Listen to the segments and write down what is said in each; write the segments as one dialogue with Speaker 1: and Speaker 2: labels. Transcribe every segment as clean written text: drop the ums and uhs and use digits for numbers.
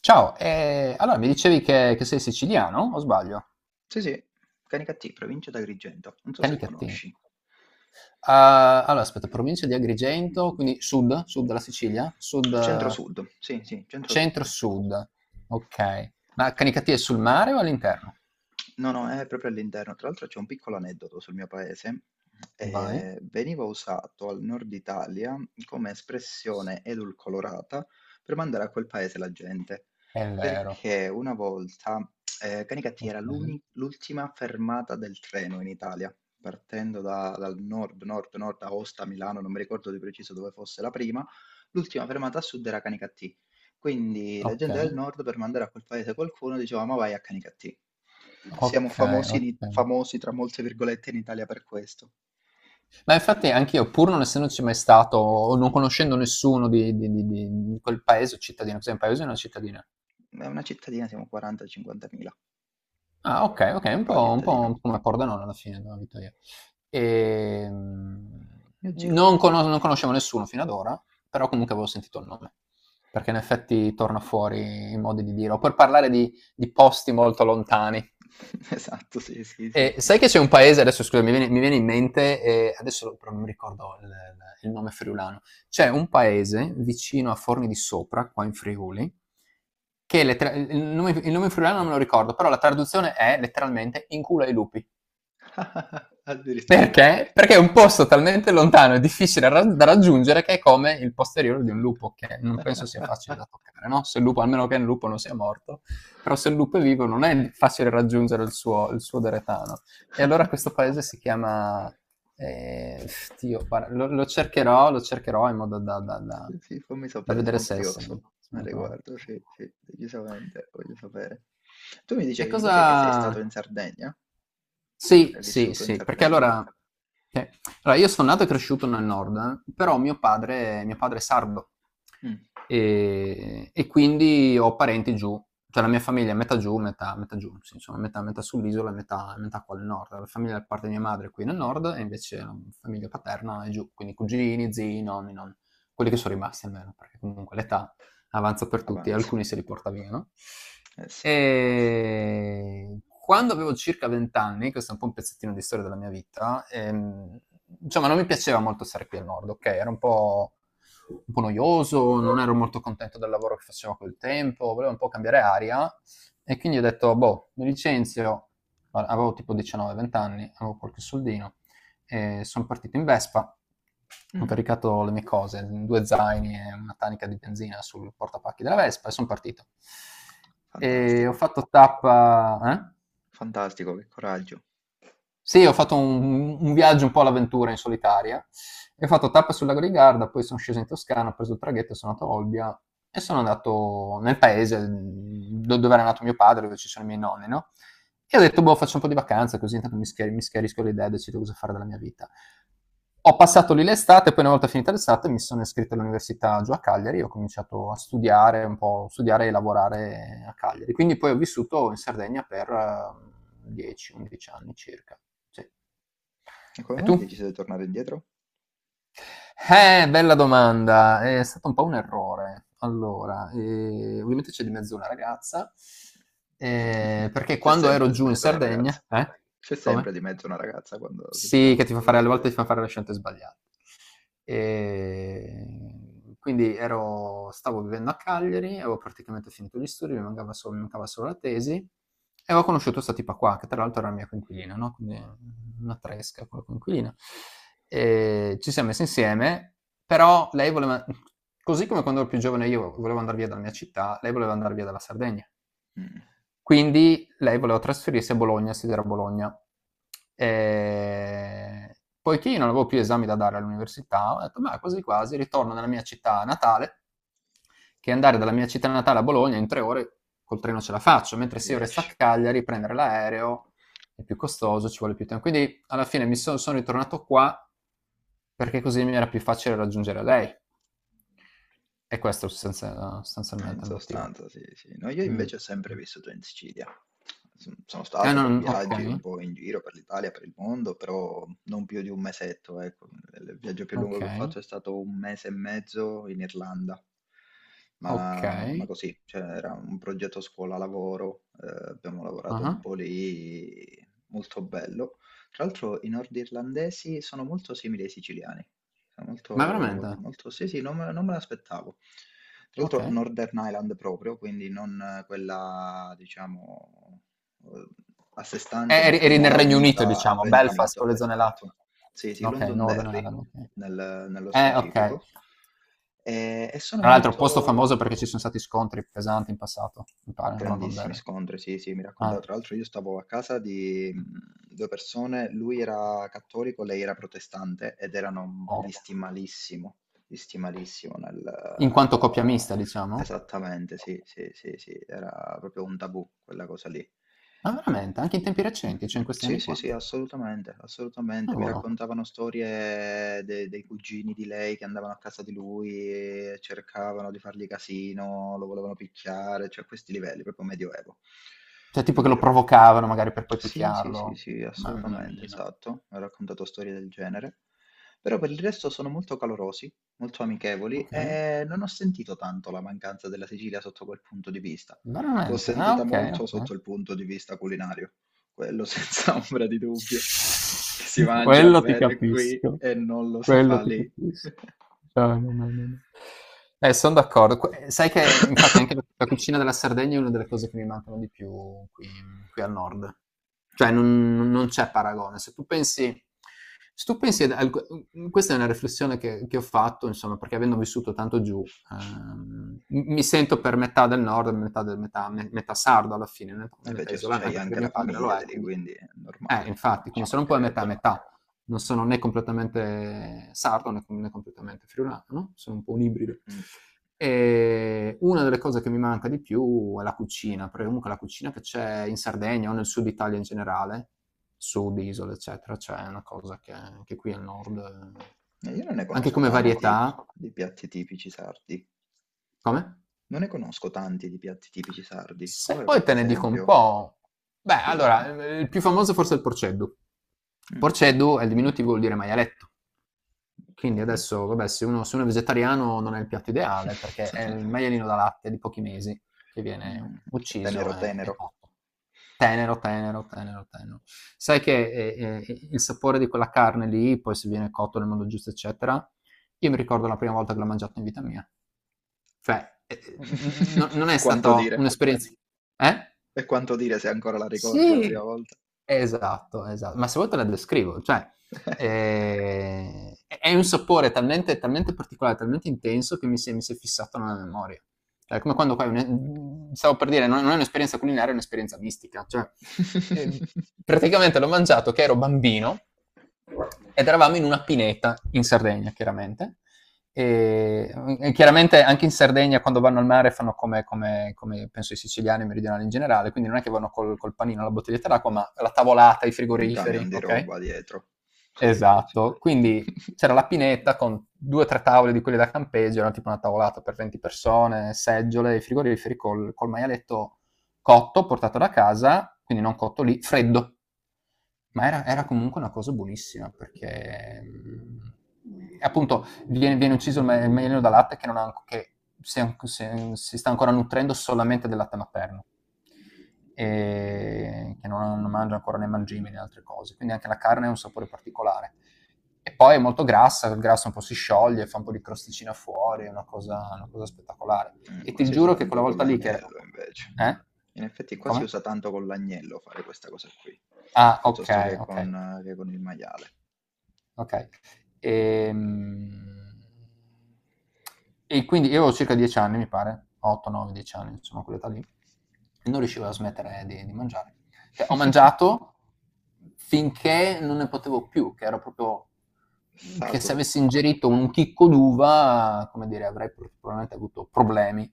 Speaker 1: Ciao, allora mi dicevi che sei siciliano, o sbaglio?
Speaker 2: Sì, sì, Canicattì, provincia d'Agrigento, non so se
Speaker 1: Canicattini.
Speaker 2: conosci.
Speaker 1: Ah, allora, aspetta, provincia di Agrigento, quindi sud della Sicilia,
Speaker 2: Centro-Sud, sì, sì, ah, Centro-Sud.
Speaker 1: centro-sud. Ok. Ma Canicattini è sul mare o all'interno?
Speaker 2: No, no, è proprio all'interno. Tra l'altro c'è un piccolo aneddoto sul mio paese.
Speaker 1: Vai.
Speaker 2: Veniva usato al nord Italia come espressione edulcorata per mandare a quel paese la gente,
Speaker 1: È vero.
Speaker 2: perché una volta Canicattì
Speaker 1: Ok,
Speaker 2: era l'ultima fermata del treno in Italia, partendo dal nord, nord, nord, Aosta, Milano, non mi ricordo di preciso dove fosse la prima, l'ultima fermata a sud era Canicattì. Quindi la
Speaker 1: ok,
Speaker 2: gente del nord per mandare a quel paese qualcuno diceva ma vai a Canicattì.
Speaker 1: ok,
Speaker 2: Siamo famosi,
Speaker 1: ok.
Speaker 2: famosi tra molte virgolette in Italia per questo.
Speaker 1: Ma infatti anch'io, pur non essendoci mai stato, o non conoscendo nessuno di quel paese o cittadino, cos'è un paese o una cittadina?
Speaker 2: È una cittadina, siamo 40-50 mila,
Speaker 1: Ah, ok, ok, un po',
Speaker 2: piccola
Speaker 1: un po', un
Speaker 2: cittadina.
Speaker 1: po' come Pordenone alla fine, dove abito io. Ehm,
Speaker 2: Mio zio
Speaker 1: non,
Speaker 2: vive lì.
Speaker 1: conos- non conoscevo nessuno fino ad ora, però comunque avevo sentito il nome, perché in effetti torna fuori in modi di dire, o per parlare di posti molto lontani.
Speaker 2: Esatto, sì, sì, sì, sì.
Speaker 1: Sai che c'è un paese, adesso scusa, mi viene in mente, adesso però non mi ricordo il nome friulano, c'è un paese vicino a Forni di Sopra, qua in Friuli, che il nome friulano non me lo ricordo, però la traduzione è letteralmente in culo ai lupi.
Speaker 2: Addirittura.
Speaker 1: Perché? Perché è un posto talmente lontano e difficile da raggiungere che è come il posteriore di un lupo, che non penso sia facile da toccare, no? Se il lupo, almeno che il lupo non sia morto, però se il lupo è vivo non è facile raggiungere il suo deretano. E allora questo paese si chiama. eh, Dio, guarda, lo cercherò in modo da, da- da-
Speaker 2: Sì, fammi
Speaker 1: da
Speaker 2: sapere,
Speaker 1: vedere
Speaker 2: sono
Speaker 1: se, se-
Speaker 2: curioso
Speaker 1: se
Speaker 2: al
Speaker 1: lo trovo.
Speaker 2: riguardo, sì, sì, decisamente, voglio sapere. Tu mi
Speaker 1: E
Speaker 2: dicevi
Speaker 1: cosa?
Speaker 2: invece che sei stato in Sardegna,
Speaker 1: Sì,
Speaker 2: hai
Speaker 1: sì,
Speaker 2: vissuto in
Speaker 1: sì, perché
Speaker 2: Sardegna?
Speaker 1: che- allora io sono nato e cresciuto nel nord, però mio padre è sardo
Speaker 2: Mm,
Speaker 1: e quindi ho parenti giù, cioè la mia famiglia è metà giù, metà giù, sì, insomma, metà sull'isola e metà qua al nord. La famiglia da parte di mia madre è qui nel nord e invece la famiglia paterna è giù, quindi cugini, zii, nonni, non, quelli che sono rimasti almeno, perché comunque l'età avanza per tutti,
Speaker 2: avanza,
Speaker 1: alcuni se li porta via, no?
Speaker 2: eh sì,
Speaker 1: E quando avevo circa 20 anni, questo è un po' un pezzettino di storia della mia vita, insomma non mi piaceva molto stare qui al nord, ok? Era un po' noioso, non ero molto contento del lavoro che facevo a quel tempo, volevo un po' cambiare aria e quindi ho detto, boh, mi licenzio. Allora, avevo tipo 19-20 anni, avevo qualche soldino, e sono partito in Vespa. Ho
Speaker 2: mm,
Speaker 1: caricato le mie cose, due zaini e una tanica di benzina sul portapacchi della Vespa e sono partito. E ho
Speaker 2: fantastico,
Speaker 1: fatto tappa. Eh?
Speaker 2: fantastico, che coraggio.
Speaker 1: Sì, ho fatto un viaggio un po' all'avventura in solitaria. E ho fatto tappa sul lago di Garda, poi sono sceso in Toscana, ho preso il traghetto, sono andato a Olbia e sono andato nel paese dove era nato mio padre, dove ci sono i miei nonni, no? E ho detto, boh, faccio un po' di vacanza, così intanto mi schiarisco l'idea, e decido cosa fare della mia vita. Ho passato lì l'estate, poi una volta finita l'estate mi sono iscritto all'università giù a Cagliari, ho cominciato a studiare un po', studiare e lavorare a Cagliari. Quindi poi ho vissuto in Sardegna per 10-11 anni circa. Sì.
Speaker 2: E come
Speaker 1: E
Speaker 2: mai
Speaker 1: tu?
Speaker 2: hai deciso di tornare indietro?
Speaker 1: Bella domanda, è stato un po' un errore. Allora, ovviamente c'è di mezzo una ragazza, perché
Speaker 2: C'è
Speaker 1: quando ero
Speaker 2: sempre di
Speaker 1: giù in
Speaker 2: mezzo una ragazza,
Speaker 1: Sardegna, eh?
Speaker 2: c'è sempre
Speaker 1: Come?
Speaker 2: di mezzo una ragazza quando
Speaker 1: Sì,
Speaker 2: succede
Speaker 1: che
Speaker 2: una
Speaker 1: ti fa
Speaker 2: cosa
Speaker 1: fare
Speaker 2: del
Speaker 1: alle volte
Speaker 2: genere.
Speaker 1: ti fa fare le scelte sbagliate. E quindi ero stavo vivendo a Cagliari, avevo praticamente finito gli studi, mi mancava solo la tesi e ho conosciuto questa tipa qua, che tra l'altro era la mia coinquilina, no? Quindi una tresca con la coinquilina. E ci siamo messi insieme, però lei voleva, così come quando ero più giovane io volevo andare via dalla mia città, lei voleva andare via dalla Sardegna.
Speaker 2: Mm,
Speaker 1: Quindi lei voleva trasferirsi a Bologna, studiare a Bologna. E, poiché io non avevo più esami da dare all'università, ho detto, ma quasi quasi ritorno nella mia città natale, che andare dalla mia città natale a Bologna in 3 ore col treno ce la faccio, mentre se io resto a
Speaker 2: riesci.
Speaker 1: Cagliari, prendere l'aereo è più costoso, ci vuole più tempo. Quindi alla fine mi sono ritornato qua perché così mi era più facile raggiungere lei. E questo è
Speaker 2: In
Speaker 1: sostanzialmente il motivo.
Speaker 2: sostanza sì, sì. No, io
Speaker 1: Mm.
Speaker 2: invece ho sempre vissuto in Sicilia. Sono
Speaker 1: Ah,
Speaker 2: stato
Speaker 1: no,
Speaker 2: per
Speaker 1: no, ok,
Speaker 2: viaggi un po' in giro per l'Italia, per il mondo, però non più di un mesetto, ecco. Il viaggio più lungo
Speaker 1: ok.
Speaker 2: che ho fatto è stato un mese e mezzo in Irlanda, ma
Speaker 1: Okay.
Speaker 2: così, cioè era un progetto scuola-lavoro, abbiamo lavorato un
Speaker 1: Ah-ah.
Speaker 2: po' lì, molto bello. Tra l'altro i nordirlandesi sono molto simili ai siciliani. È
Speaker 1: Ma
Speaker 2: molto
Speaker 1: veramente?
Speaker 2: molto sì, sì, non me l'aspettavo. Tra l'altro
Speaker 1: Okay.
Speaker 2: Northern Island proprio, quindi non quella diciamo, uhm, a sé
Speaker 1: E
Speaker 2: stante, ma
Speaker 1: eri nel
Speaker 2: quella
Speaker 1: Regno Unito,
Speaker 2: unita al
Speaker 1: diciamo,
Speaker 2: Regno
Speaker 1: Belfast,
Speaker 2: Unito,
Speaker 1: quelle zone là.
Speaker 2: esatto. Sì, sì,
Speaker 1: Okay, Northern
Speaker 2: Londonderry
Speaker 1: Ireland, okay.
Speaker 2: nello
Speaker 1: Okay.
Speaker 2: specifico. E sono
Speaker 1: Tra l'altro posto
Speaker 2: molto
Speaker 1: famoso perché ci son stati scontri pesanti in passato, mi pare, a
Speaker 2: grandissimi
Speaker 1: Londonderry.
Speaker 2: scontri, sì, sì, mi raccontava.
Speaker 1: Ah,
Speaker 2: Tra l'altro io stavo a casa di due persone, lui era cattolico, lei era protestante ed erano
Speaker 1: o
Speaker 2: visti malissimo
Speaker 1: in
Speaker 2: nel...
Speaker 1: quanto coppia mista, diciamo?
Speaker 2: Esattamente, sì, sì, sì, sì, era proprio un tabù quella cosa lì.
Speaker 1: Ma veramente? Anche in tempi recenti, cioè in
Speaker 2: Mh-mh.
Speaker 1: questi
Speaker 2: Sì,
Speaker 1: anni
Speaker 2: sì,
Speaker 1: qua?
Speaker 2: sì, assolutamente, assolutamente. Mi
Speaker 1: Cavolo.
Speaker 2: raccontavano storie de dei cugini di lei che andavano a casa di lui e cercavano di fargli casino, lo volevano picchiare, cioè a questi livelli, proprio medioevo,
Speaker 1: Cioè tipo
Speaker 2: proprio
Speaker 1: che lo
Speaker 2: medioevo.
Speaker 1: provocavano magari per poi
Speaker 2: Sì, sì, sì,
Speaker 1: picchiarlo.
Speaker 2: sì,
Speaker 1: Mamma
Speaker 2: assolutamente,
Speaker 1: mia.
Speaker 2: esatto. Ha raccontato storie del genere. Però per il resto sono molto calorosi, molto amichevoli
Speaker 1: Okay.
Speaker 2: e non ho sentito tanto la mancanza della Sicilia sotto quel punto di vista. L'ho
Speaker 1: Veramente? Ah,
Speaker 2: sentita
Speaker 1: okay,
Speaker 2: molto
Speaker 1: okay.
Speaker 2: sotto il punto di vista culinario, quello senza ombra di dubbio. Si mangia
Speaker 1: Quello ti
Speaker 2: bene qui
Speaker 1: capisco,
Speaker 2: e non lo si fa
Speaker 1: quello ti
Speaker 2: lì.
Speaker 1: capisco. No, no, no, no, no. Sono d'accordo. Sai che infatti anche la cucina della Sardegna è una delle cose che mi mancano di più qui, qui al nord. Cioè non c'è paragone. Se tu pensi ad questa è una riflessione che ho fatto, insomma, perché avendo vissuto tanto giù, mi sento per metà del nord, metà sardo alla fine,
Speaker 2: E beh,
Speaker 1: metà
Speaker 2: certo,
Speaker 1: isolano,
Speaker 2: c'hai
Speaker 1: anche perché
Speaker 2: anche la
Speaker 1: mio padre lo
Speaker 2: famiglia di
Speaker 1: è,
Speaker 2: lì,
Speaker 1: quindi
Speaker 2: quindi è normale,
Speaker 1: infatti,
Speaker 2: ci
Speaker 1: quindi sono un po' a metà a
Speaker 2: mancherebbe.
Speaker 1: metà. Non sono né completamente sardo né completamente friulano, no? Sono un po' un ibrido.
Speaker 2: Mhm.
Speaker 1: E una delle cose che mi manca di più è la cucina, perché comunque la cucina che c'è in Sardegna o nel sud Italia in generale, sud, isole, eccetera, c'è una cosa che anche qui al nord,
Speaker 2: Io non ne
Speaker 1: anche
Speaker 2: conosco
Speaker 1: come
Speaker 2: tanti
Speaker 1: varietà.
Speaker 2: di piatti tipici sardi.
Speaker 1: Come?
Speaker 2: Non ne conosco tanti di piatti tipici sardi.
Speaker 1: Se
Speaker 2: Vuole
Speaker 1: poi
Speaker 2: qualche
Speaker 1: te ne dico un
Speaker 2: esempio?
Speaker 1: po', beh,
Speaker 2: Sì,
Speaker 1: allora,
Speaker 2: sì.
Speaker 1: il più famoso forse è il porceddu.
Speaker 2: Mm,
Speaker 1: Porceddu è il
Speaker 2: ok,
Speaker 1: diminutivo, vuol dire maialetto. Quindi
Speaker 2: ok.
Speaker 1: adesso, vabbè, se uno è vegetariano non è il piatto ideale perché è il maialino da latte di pochi mesi che
Speaker 2: Mm,
Speaker 1: viene
Speaker 2: ok.
Speaker 1: ucciso
Speaker 2: Tenero,
Speaker 1: e,
Speaker 2: tenero.
Speaker 1: e cotto. Tenero, tenero, tenero, tenero. Sai che il sapore di quella carne lì, poi se viene cotto nel modo giusto, eccetera, io mi ricordo la prima volta che l'ho mangiato in vita mia. Cioè, non è
Speaker 2: E quanto
Speaker 1: stata
Speaker 2: dire?
Speaker 1: un'esperienza. Eh?
Speaker 2: E quanto dire se ancora la ricordi la prima
Speaker 1: Sì,
Speaker 2: volta?
Speaker 1: esatto, esa ma se vuoi te la descrivo, cioè, è un sapore talmente talmente particolare, talmente intenso che mi si è fissato nella memoria. Cioè, è come quando fai un e mhmm, stavo per dire, non è un'esperienza culinaria, è un'esperienza mistica, cioè, ehm, praticamente l'ho mangiato che ero bambino ed eravamo in una pineta in Sardegna, chiaramente. E, e chiaramente anche in Sardegna quando vanno al mare fanno come penso i siciliani e i meridionali in generale, quindi non è che vanno col panino alla bottiglietta d'acqua, ma la tavolata, i
Speaker 2: Un camion
Speaker 1: frigoriferi,
Speaker 2: di
Speaker 1: ok?
Speaker 2: roba dietro. Sì, sì, sì.
Speaker 1: Esatto, quindi c'era la pineta con due o tre tavole di quelle da campeggio, era tipo una tavolata per 20 persone, seggiole, i frigoriferi col maialetto cotto, portato da casa, quindi non cotto lì, freddo, ma era
Speaker 2: Ok.
Speaker 1: comunque una cosa buonissima perché appunto viene ucciso il maialino da latte che, non ha, che si sta ancora nutrendo solamente del latte materno
Speaker 2: Ok.
Speaker 1: e che non mangia ancora né mangime né altre cose, quindi anche la carne ha un sapore particolare. E poi è molto grassa, il grasso un po' si scioglie, fa un po' di crosticina fuori, è una cosa spettacolare.
Speaker 2: Mm,
Speaker 1: E
Speaker 2: qua
Speaker 1: ti
Speaker 2: si usa
Speaker 1: giuro che
Speaker 2: tanto
Speaker 1: quella
Speaker 2: con
Speaker 1: volta lì che.
Speaker 2: l'agnello invece.
Speaker 1: Eh?
Speaker 2: In effetti qua si
Speaker 1: Come?
Speaker 2: usa tanto con l'agnello fare questa cosa qui,
Speaker 1: Ah, ok,
Speaker 2: piuttosto
Speaker 1: ok.
Speaker 2: che con il maiale.
Speaker 1: Okay. Ehm, e quindi io avevo circa 10 anni mi pare, 8, 9, 10 anni, insomma quell'età lì, e non riuscivo a smettere di mangiare. Cioè ho mangiato finché non ne potevo più, che ero proprio, che se
Speaker 2: Saturo.
Speaker 1: avessi ingerito un chicco d'uva, come dire, avrei probabilmente avuto problemi,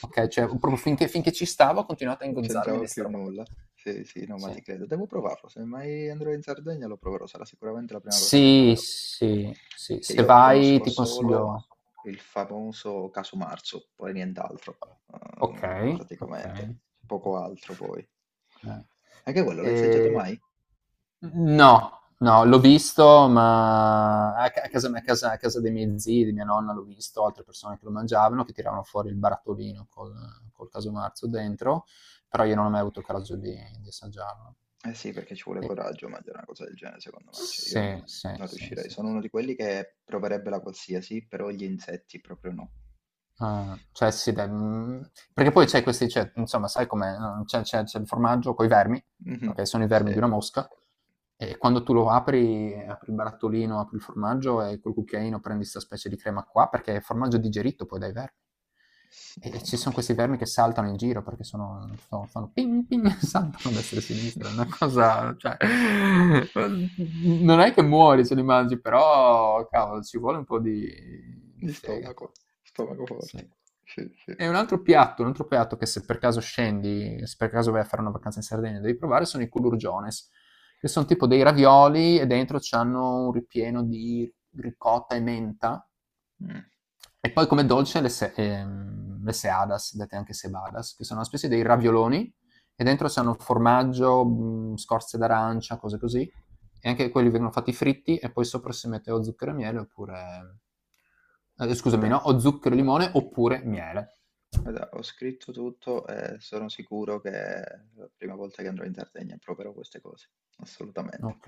Speaker 1: okay, cioè proprio finché finché ci stavo ho continuato a
Speaker 2: Non
Speaker 1: ingozzarmi
Speaker 2: c'entrava
Speaker 1: di
Speaker 2: più
Speaker 1: 'sta roba qua.
Speaker 2: nulla. Sì, sì, no, ma
Speaker 1: Sì.
Speaker 2: ti credo. Devo provarlo. Se mai andrò in Sardegna lo proverò. Sarà sicuramente la prima cosa che
Speaker 1: Sì,
Speaker 2: proverò.
Speaker 1: sì, sì,
Speaker 2: Perché
Speaker 1: se
Speaker 2: io
Speaker 1: vai
Speaker 2: conosco
Speaker 1: ti
Speaker 2: solo
Speaker 1: consiglio.
Speaker 2: il famoso casu marzu, poi nient'altro,
Speaker 1: Okay,
Speaker 2: praticamente.
Speaker 1: okay.
Speaker 2: Poco altro poi.
Speaker 1: Eh.
Speaker 2: Anche quello, l'hai assaggiato
Speaker 1: Ehm
Speaker 2: mai?
Speaker 1: no, no, l'ho visto ma a ca a casa a casa a casa dei miei zii, di mia nonna l'ho visto, altre persone che lo mangiavano, che tiravano fuori il barattolino col caso marzo dentro, però io non ho mai avuto il coraggio di assaggiarlo.
Speaker 2: Eh sì, perché ci vuole
Speaker 1: E
Speaker 2: coraggio mangiare una cosa del genere, secondo me. Cioè, io non
Speaker 1: sì, sì,
Speaker 2: non
Speaker 1: sì,
Speaker 2: riuscirei.
Speaker 1: sì.
Speaker 2: Sono
Speaker 1: Sì.
Speaker 2: uno di quelli che proverebbe la qualsiasi, però gli insetti proprio no.
Speaker 1: Ah, cioè sì dai, perché poi c'è questi cioè, insomma sai com'è, c'è il formaggio coi vermi,
Speaker 2: Mh-mh.
Speaker 1: okay, sono i vermi
Speaker 2: Sì.
Speaker 1: di una mosca, e quando tu lo apri il barattolino, apri il formaggio e col cucchiaino prendi 'sta specie di crema qua, perché è formaggio digerito poi dai vermi. E ci
Speaker 2: Mamma
Speaker 1: son
Speaker 2: mia.
Speaker 1: questi vermi che saltano in giro perché sono so fanno ping ping, saltano a destra e a sinistra, è una cosa, cioè, uhm, non è che muori se li mangi, però cavolo ci vuole un po' di
Speaker 2: Di stomaco,
Speaker 1: fegato.
Speaker 2: stomaco
Speaker 1: Sì.
Speaker 2: forte. Sì, sì.
Speaker 1: E un altro piatto che se per caso scendi, se per caso vai a fare una vacanza in Sardegna, devi provare sono i culurgiones, che sono tipo dei ravioli e dentro c'hanno un ripieno di ricotta e menta
Speaker 2: Mh.
Speaker 1: e poi come dolce le, se- le seadas, dette anche sebadas, che sono una specie dei ravioloni e dentro c'hanno formaggio, scorze d'arancia, cose così. E anche quelli vengono fatti fritti e poi sopra si mette o zucchero e miele oppure, scusami, no?
Speaker 2: Guarda
Speaker 1: O zucchero e limone oppure miele.
Speaker 2: guarda, ho scritto tutto e sono sicuro che la prima volta che andrò in Sardegna proverò queste cose. Assolutamente.
Speaker 1: Ok.